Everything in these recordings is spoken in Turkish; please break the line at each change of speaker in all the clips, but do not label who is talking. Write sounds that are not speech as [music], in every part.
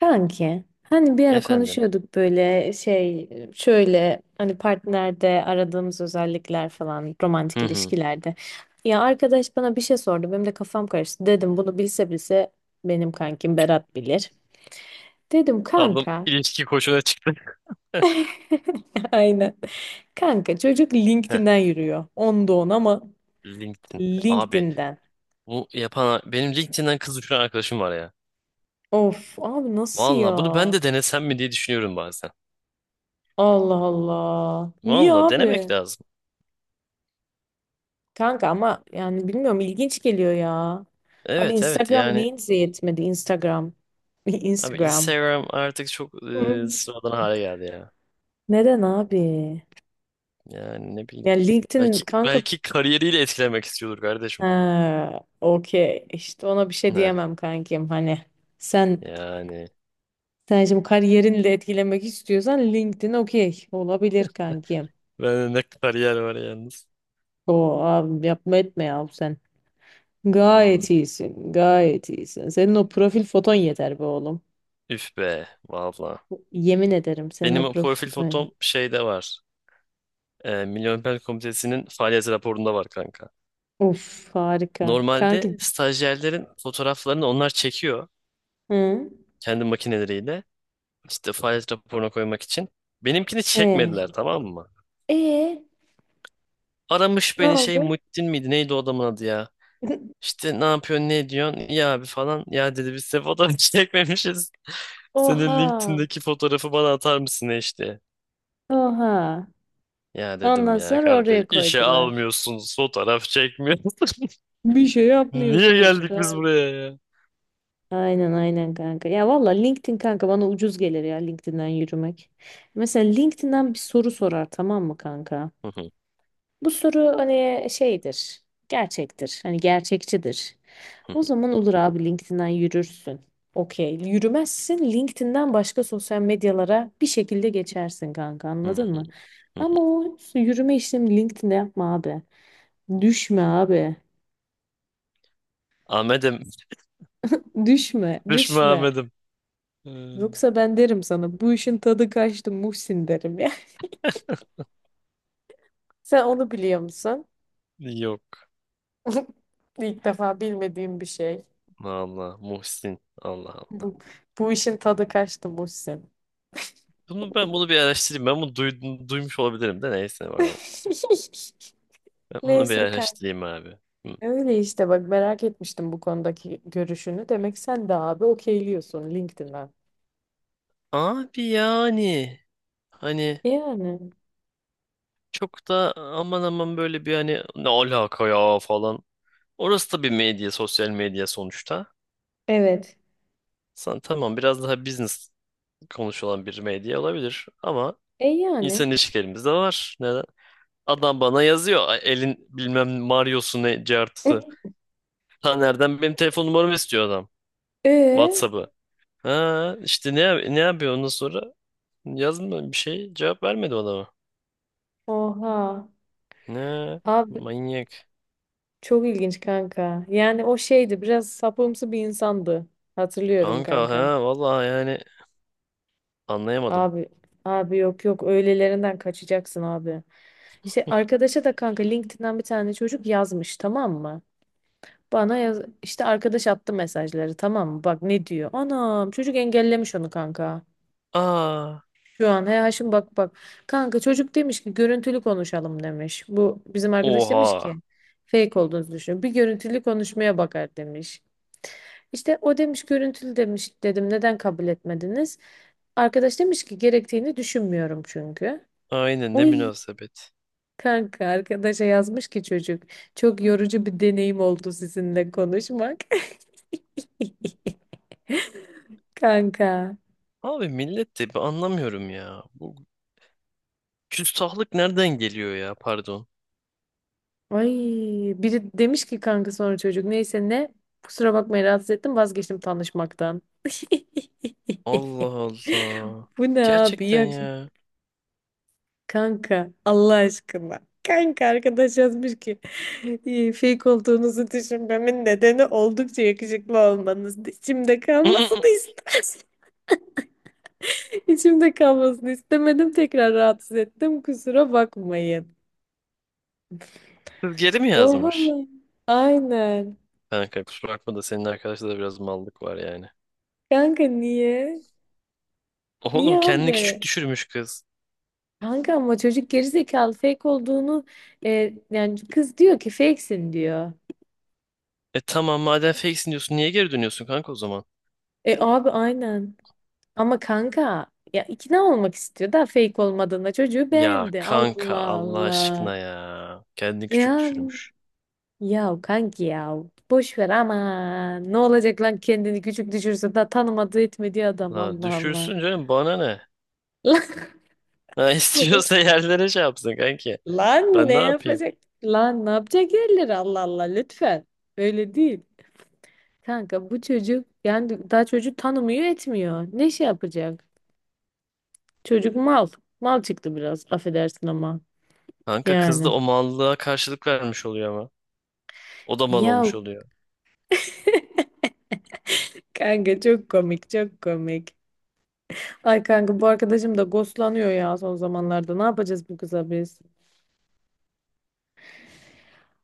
Kanki hani bir ara
Efendim.
konuşuyorduk böyle şey şöyle hani partnerde aradığımız özellikler falan romantik
Hı hı.
ilişkilerde. Ya arkadaş bana bir şey sordu benim de kafam karıştı dedim bunu bilse bilse benim kankim Berat bilir. Dedim
Ablam
kanka.
ilişki koçuna çıktı. [laughs]
[laughs] Aynen kanka çocuk
Heh,
LinkedIn'den yürüyor onda on ama
LinkedIn. Abi
LinkedIn'den.
bu yapan benim LinkedIn'den kız düşüren arkadaşım var ya.
Of abi nasıl ya.
Valla bunu ben de denesem mi diye düşünüyorum bazen.
Allah Allah niye
Valla denemek
abi?
lazım.
Kanka ama yani bilmiyorum ilginç geliyor ya. Abi
Evet
Instagram
yani
neyinize yetmedi Instagram. [laughs]
abi
Instagram.
Instagram artık çok
Hı.
sıradan hale geldi ya.
Neden abi?
Yani ne bileyim.
Yani LinkedIn
Belki
kanka.
belki kariyeriyle etkilemek istiyordur kardeşim.
Ha, okey işte ona bir şey
Ne
diyemem kankim hani sen
yani.
sen şimdi kariyerinle etkilemek istiyorsan LinkedIn okey olabilir kankim.
Bende ne kariyer var yalnız.
O abi yapma etme ya sen. Gayet
Valla.
iyisin, gayet iyisin. Senin o profil foton yeter be oğlum.
Üf be valla.
Yemin ederim senin
Benim
o
o
profil
profil
foton.
fotom şeyde var. Milli Olimpiyat Komitesi'nin faaliyet raporunda var kanka.
Of harika. Kanki.
Normalde stajyerlerin fotoğraflarını onlar çekiyor
Hı?
kendi makineleriyle. İşte faaliyet raporuna koymak için. Benimkini çekmediler,
E.
tamam mı?
E
Aramış
ne
beni şey,
oldu?
Muhittin miydi neydi o adamın adı ya?
[laughs]
İşte ne yapıyorsun ne ediyorsun ya abi falan. Ya dedi biz size fotoğraf [laughs] çekmemişiz. Senin
Oha.
LinkedIn'deki fotoğrafı bana atar mısın işte?
Oha.
Ya dedim
Ondan
ya
sonra
kardeş,
oraya
işe
koydular.
almıyorsunuz, fotoğraf çekmiyorsunuz.
Bir şey
[laughs] Niye
yapmıyorsunuz
geldik biz
kanka.
buraya ya?
Aynen aynen kanka. Ya valla LinkedIn kanka bana ucuz gelir ya LinkedIn'den yürümek. Mesela LinkedIn'den bir soru sorar tamam mı kanka?
Hı hı.
Bu soru hani şeydir, gerçektir, hani gerçekçidir. O zaman olur abi LinkedIn'den yürürsün. Okey, yürümezsin LinkedIn'den başka sosyal medyalara bir şekilde geçersin kanka
Hı hı
anladın mı?
hı.
Ama o yürüme işlemi LinkedIn'de yapma abi. Düşme abi.
Ahmet'im.
Düşme,
Düşme
düşme.
Ahmet'im. Ee,
Yoksa ben derim sana bu işin tadı kaçtı Muhsin derim ya. [laughs] Sen onu biliyor musun?
yok.
[laughs] İlk defa bilmediğim bir şey.
Allah, Muhsin. Allah Allah.
Bu, bu işin tadı kaçtı Muhsin.
Bunu bir araştırayım. Ben bunu duydum, duymuş olabilirim de neyse bakalım.
[laughs]
Ben bunu bir
Neyse kanka.
araştırayım abi. Hı.
Öyle işte bak merak etmiştim bu konudaki görüşünü. Demek sen de abi okeyliyorsun LinkedIn'den.
Abi yani hani
Yani.
çok da aman aman böyle bir hani ne alaka ya falan. Orası da bir medya, sosyal medya sonuçta.
Evet.
Sen tamam biraz daha business konuşulan bir medya olabilir ama
E yani.
insan ilişkilerimiz de var. Neden? Adam bana yazıyor. Elin bilmem Mario'su ne cartı.
[laughs]
Taner'den benim telefon numaramı istiyor adam.
E
WhatsApp'ı. Ha işte ne yapıyor ondan sonra? Yazmıyor bir şey. Cevap vermedi o adama.
oha.
Ne?
Abi
Manyak.
çok ilginç kanka. Yani o şeydi biraz sapımsı bir insandı. Hatırlıyorum
Kanka
kanka.
ha vallahi yani anlayamadım.
Abi abi yok yok öylelerinden kaçacaksın abi. İşte arkadaşa da kanka LinkedIn'den bir tane çocuk yazmış tamam mı? Bana yaz işte arkadaş attı mesajları tamam mı? Bak ne diyor? Anam çocuk engellemiş onu kanka.
Aa
Şu an he Haşim bak bak. Kanka çocuk demiş ki görüntülü konuşalım demiş. Bu bizim arkadaş demiş
oha.
ki fake olduğunuzu düşünüyorum. Bir görüntülü konuşmaya bakar demiş. İşte o demiş görüntülü demiş dedim neden kabul etmediniz? Arkadaş demiş ki gerektiğini düşünmüyorum çünkü.
Aynen, ne
Oy
münasebet.
kanka arkadaşa yazmış ki çocuk çok yorucu bir deneyim oldu sizinle konuşmak. [laughs] Kanka.
Abi millet de ben anlamıyorum ya. Bu küstahlık nereden geliyor ya, pardon.
Ay biri demiş ki kanka sonra çocuk neyse ne kusura bakmayın rahatsız ettim vazgeçtim tanışmaktan. [laughs]
Allah Allah.
Bu ne abi iyi
Gerçekten
akşam.
ya.
Kanka Allah aşkına. Kanka arkadaş yazmış ki "İyi, fake olduğunuzu düşünmemin nedeni oldukça yakışıklı olmanız. İçimde kalmasını
[laughs]
istedim. [laughs] İçimde kalmasını istemedim tekrar rahatsız ettim kusura bakmayın.
Kız geri mi
Oha.
yazmış?
Lan. Aynen.
Kanka kusura bakma da senin arkadaşta da biraz mallık var yani.
Kanka niye? Niye
Oğlum, kendini küçük
abi?
düşürmüş kız.
Kanka ama çocuk gerizekalı fake olduğunu yani kız diyor ki fakesin diyor.
E tamam, madem fakesin diyorsun niye geri dönüyorsun kanka o zaman?
E abi aynen. Ama kanka ya ikna olmak istiyor da fake olmadığında çocuğu
Ya
beğendi.
kanka
Allah
Allah
Allah.
aşkına ya. Kendini küçük
Ya
düşürmüş.
ya kanki ya boş ver ama ne olacak lan kendini küçük düşürse da tanımadığı etmediği adam
La
Allah Allah.
düşürsün canım, bana ne?
Lan,
Ha [laughs] istiyorsa
[laughs]
yerlere şey yapsın kanki.
lan
Ben
ne
ne yapayım?
yapacak? Lan ne yapacak yerleri Allah Allah lütfen. Öyle değil. Kanka bu çocuk yani daha çocuk tanımıyor etmiyor. Ne şey yapacak? Çocuk mal. Mal çıktı biraz affedersin ama.
Kanka kız da
Yani.
o mallığa karşılık vermiş oluyor ama. O da mal
Ya
olmuş oluyor.
[laughs] kanka çok komik çok komik. Ay kanka bu arkadaşım da ghostlanıyor ya son zamanlarda. Ne yapacağız bu kıza biz?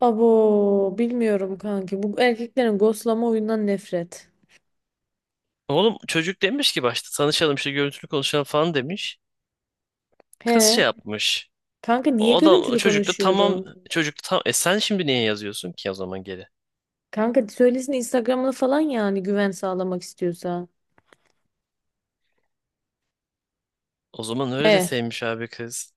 Abo bilmiyorum kanki. Bu erkeklerin ghostlama oyundan nefret.
Oğlum çocuk demiş ki başta tanışalım işte görüntülü konuşalım falan demiş. Kız şey
He.
yapmış.
Kanka niye
O da
görüntülü
çocuk da tamam
konuşuyorum?
çocuk da tam e sen şimdi niye yazıyorsun ki o zaman geri?
Kanka söylesin Instagram'ını falan yani güven sağlamak istiyorsa.
O zaman öyle de
He.
sevmiş abi kız.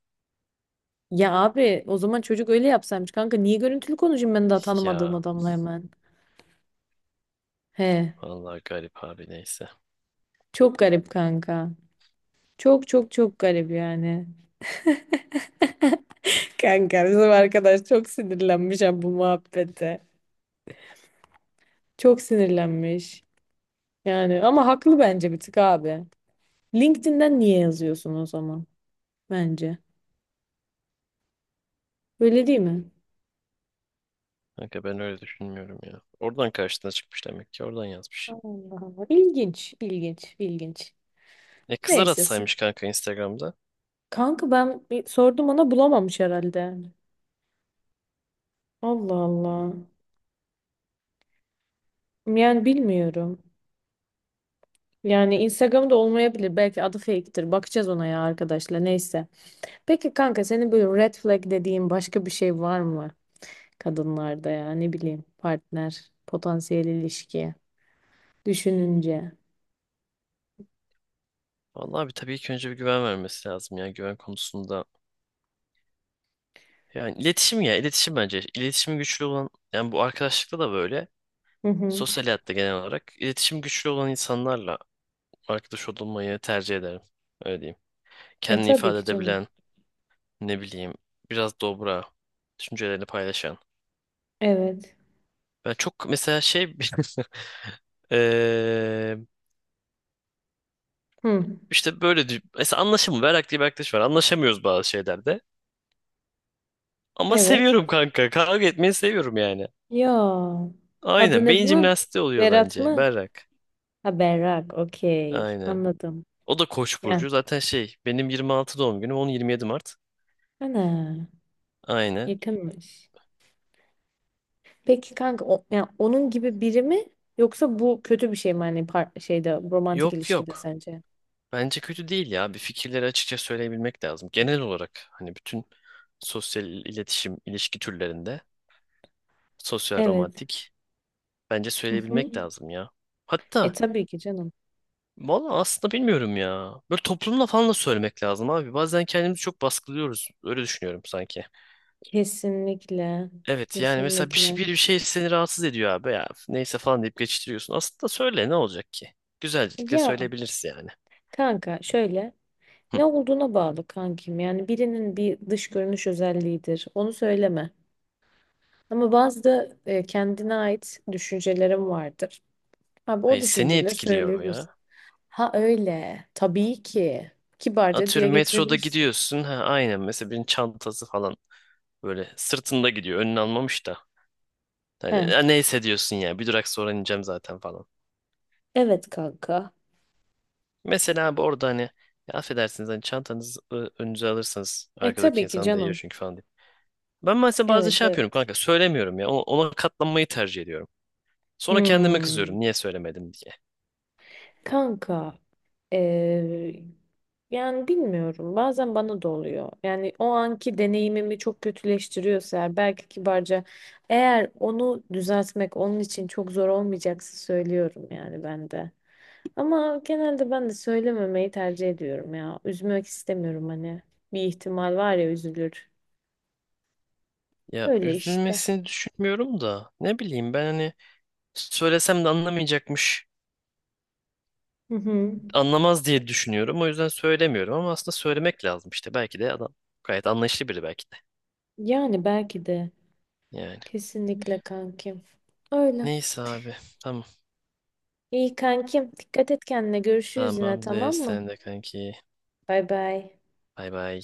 Ya abi o zaman çocuk öyle yapsaymış kanka. Niye görüntülü konuşayım ben daha tanımadığım
Ya
adamla hemen? He.
vallahi garip abi, neyse.
Çok garip kanka. Çok çok çok garip yani. [laughs] Kanka bizim arkadaş çok sinirlenmiş ha bu muhabbete. Çok sinirlenmiş. Yani ama haklı bence bir tık abi. LinkedIn'den niye yazıyorsun o zaman? Bence. Öyle değil mi?
Kanka ben öyle düşünmüyorum ya. Oradan karşısına çıkmış demek ki, oradan yazmış.
Allah Allah. İlginç, ilginç, ilginç.
E kızlar
Neyse.
atsaymış kanka Instagram'da.
Kanka ben bir sordum ona bulamamış herhalde. Allah Allah. Yani bilmiyorum. Yani Instagram'da olmayabilir. Belki adı fake'tir. Bakacağız ona ya arkadaşlar. Neyse. Peki kanka senin böyle red flag dediğin başka bir şey var mı? Kadınlarda ya ne bileyim partner, potansiyel ilişki düşününce.
Vallahi bir tabii ilk önce bir güven vermesi lazım ya, güven konusunda. Yani iletişim, ya iletişim bence. İletişimi güçlü olan, yani bu arkadaşlıkta da böyle.
Hı hı.
Sosyal hayatta genel olarak iletişim güçlü olan insanlarla arkadaş olmayı tercih ederim. Öyle diyeyim.
E
Kendini
tabii
ifade
ki canım.
edebilen, ne bileyim, biraz dobra, düşüncelerini paylaşan.
Evet.
Ben çok mesela şey [laughs] eee,
Hı.
işte böyle mesela anlaşım Berrak diye bir arkadaş var. Anlaşamıyoruz bazı şeylerde. Ama
Evet.
seviyorum kanka. Kavga etmeyi seviyorum yani.
Ya. Adı
Aynen.
ne
Beyin
bunun?
jimnastiği oluyor
Berat
bence.
mı?
Berrak.
Ha Berrak. Okey.
Aynen.
Anladım.
O da Koç
Ya.
burcu. Zaten şey benim 26 doğum günüm. Onun 27 Mart.
Ana.
Aynen.
Yakınmış. Peki kanka o, yani onun gibi biri mi yoksa bu kötü bir şey mi hani şeyde romantik
Yok
ilişkide
yok.
sence?
Bence kötü değil ya. Bir fikirleri açıkça söyleyebilmek lazım. Genel olarak hani bütün sosyal iletişim, ilişki türlerinde, sosyal
Evet.
romantik, bence
Hı hı.
söyleyebilmek lazım ya.
E
Hatta
tabii ki canım.
valla aslında bilmiyorum ya. Böyle toplumla falan da söylemek lazım abi. Bazen kendimizi çok baskılıyoruz. Öyle düşünüyorum sanki.
Kesinlikle.
Evet yani mesela bir şey,
Kesinlikle.
bir şey seni rahatsız ediyor abi ya. Neyse falan deyip geçiştiriyorsun. Aslında söyle, ne olacak ki? Güzellikle
Ya
söyleyebilirsin yani.
kanka şöyle
Hı.
ne olduğuna bağlı kankim. Yani birinin bir dış görünüş özelliğidir. Onu söyleme. Ama bazı da kendine ait düşüncelerim vardır. Abi o
Hayır, seni
düşünceleri
etkiliyor
söyleyebilirsin.
ya.
Ha öyle. Tabii ki. Kibarca dile
Atıyorum metroda
getirebilirsin.
gidiyorsun. Ha, aynen mesela birinin çantası falan böyle sırtında gidiyor. Önünü almamış da. Hani
He.
"ya neyse" diyorsun ya, bir durak sonra ineceğim zaten falan.
Evet kanka.
Mesela abi orada hani ya affedersiniz hani çantanızı önünüze alırsanız
E
arkadaki
tabii ki
insan değiyor
canım.
çünkü falan diye. Ben mesela bazen
Evet
şey yapıyorum
evet.
kanka, söylemiyorum ya, ona katlanmayı tercih ediyorum. Sonra kendime
Hmm.
kızıyorum niye söylemedim diye.
Kanka, eee, yani bilmiyorum. Bazen bana da oluyor. Yani o anki deneyimimi çok kötüleştiriyorsa eğer, belki kibarca eğer onu düzeltmek onun için çok zor olmayacaksa söylüyorum yani ben de. Ama genelde ben de söylememeyi tercih ediyorum ya. Üzmek istemiyorum hani. Bir ihtimal var ya üzülür.
Ya
Öyle işte.
üzülmesini düşünmüyorum da ne bileyim ben hani, söylesem de anlamayacakmış.
Hı hı.
Anlamaz diye düşünüyorum. O yüzden söylemiyorum ama aslında söylemek lazım işte. Belki de adam gayet anlayışlı biri, belki de.
Yani belki de.
Yani.
Kesinlikle kankim. Öyle.
Neyse abi. Tamam.
İyi kankim. Dikkat et kendine. Görüşürüz
Tamam
yine
abi.
tamam mı?
Sen de kanki.
Bay bay.
Bay bay.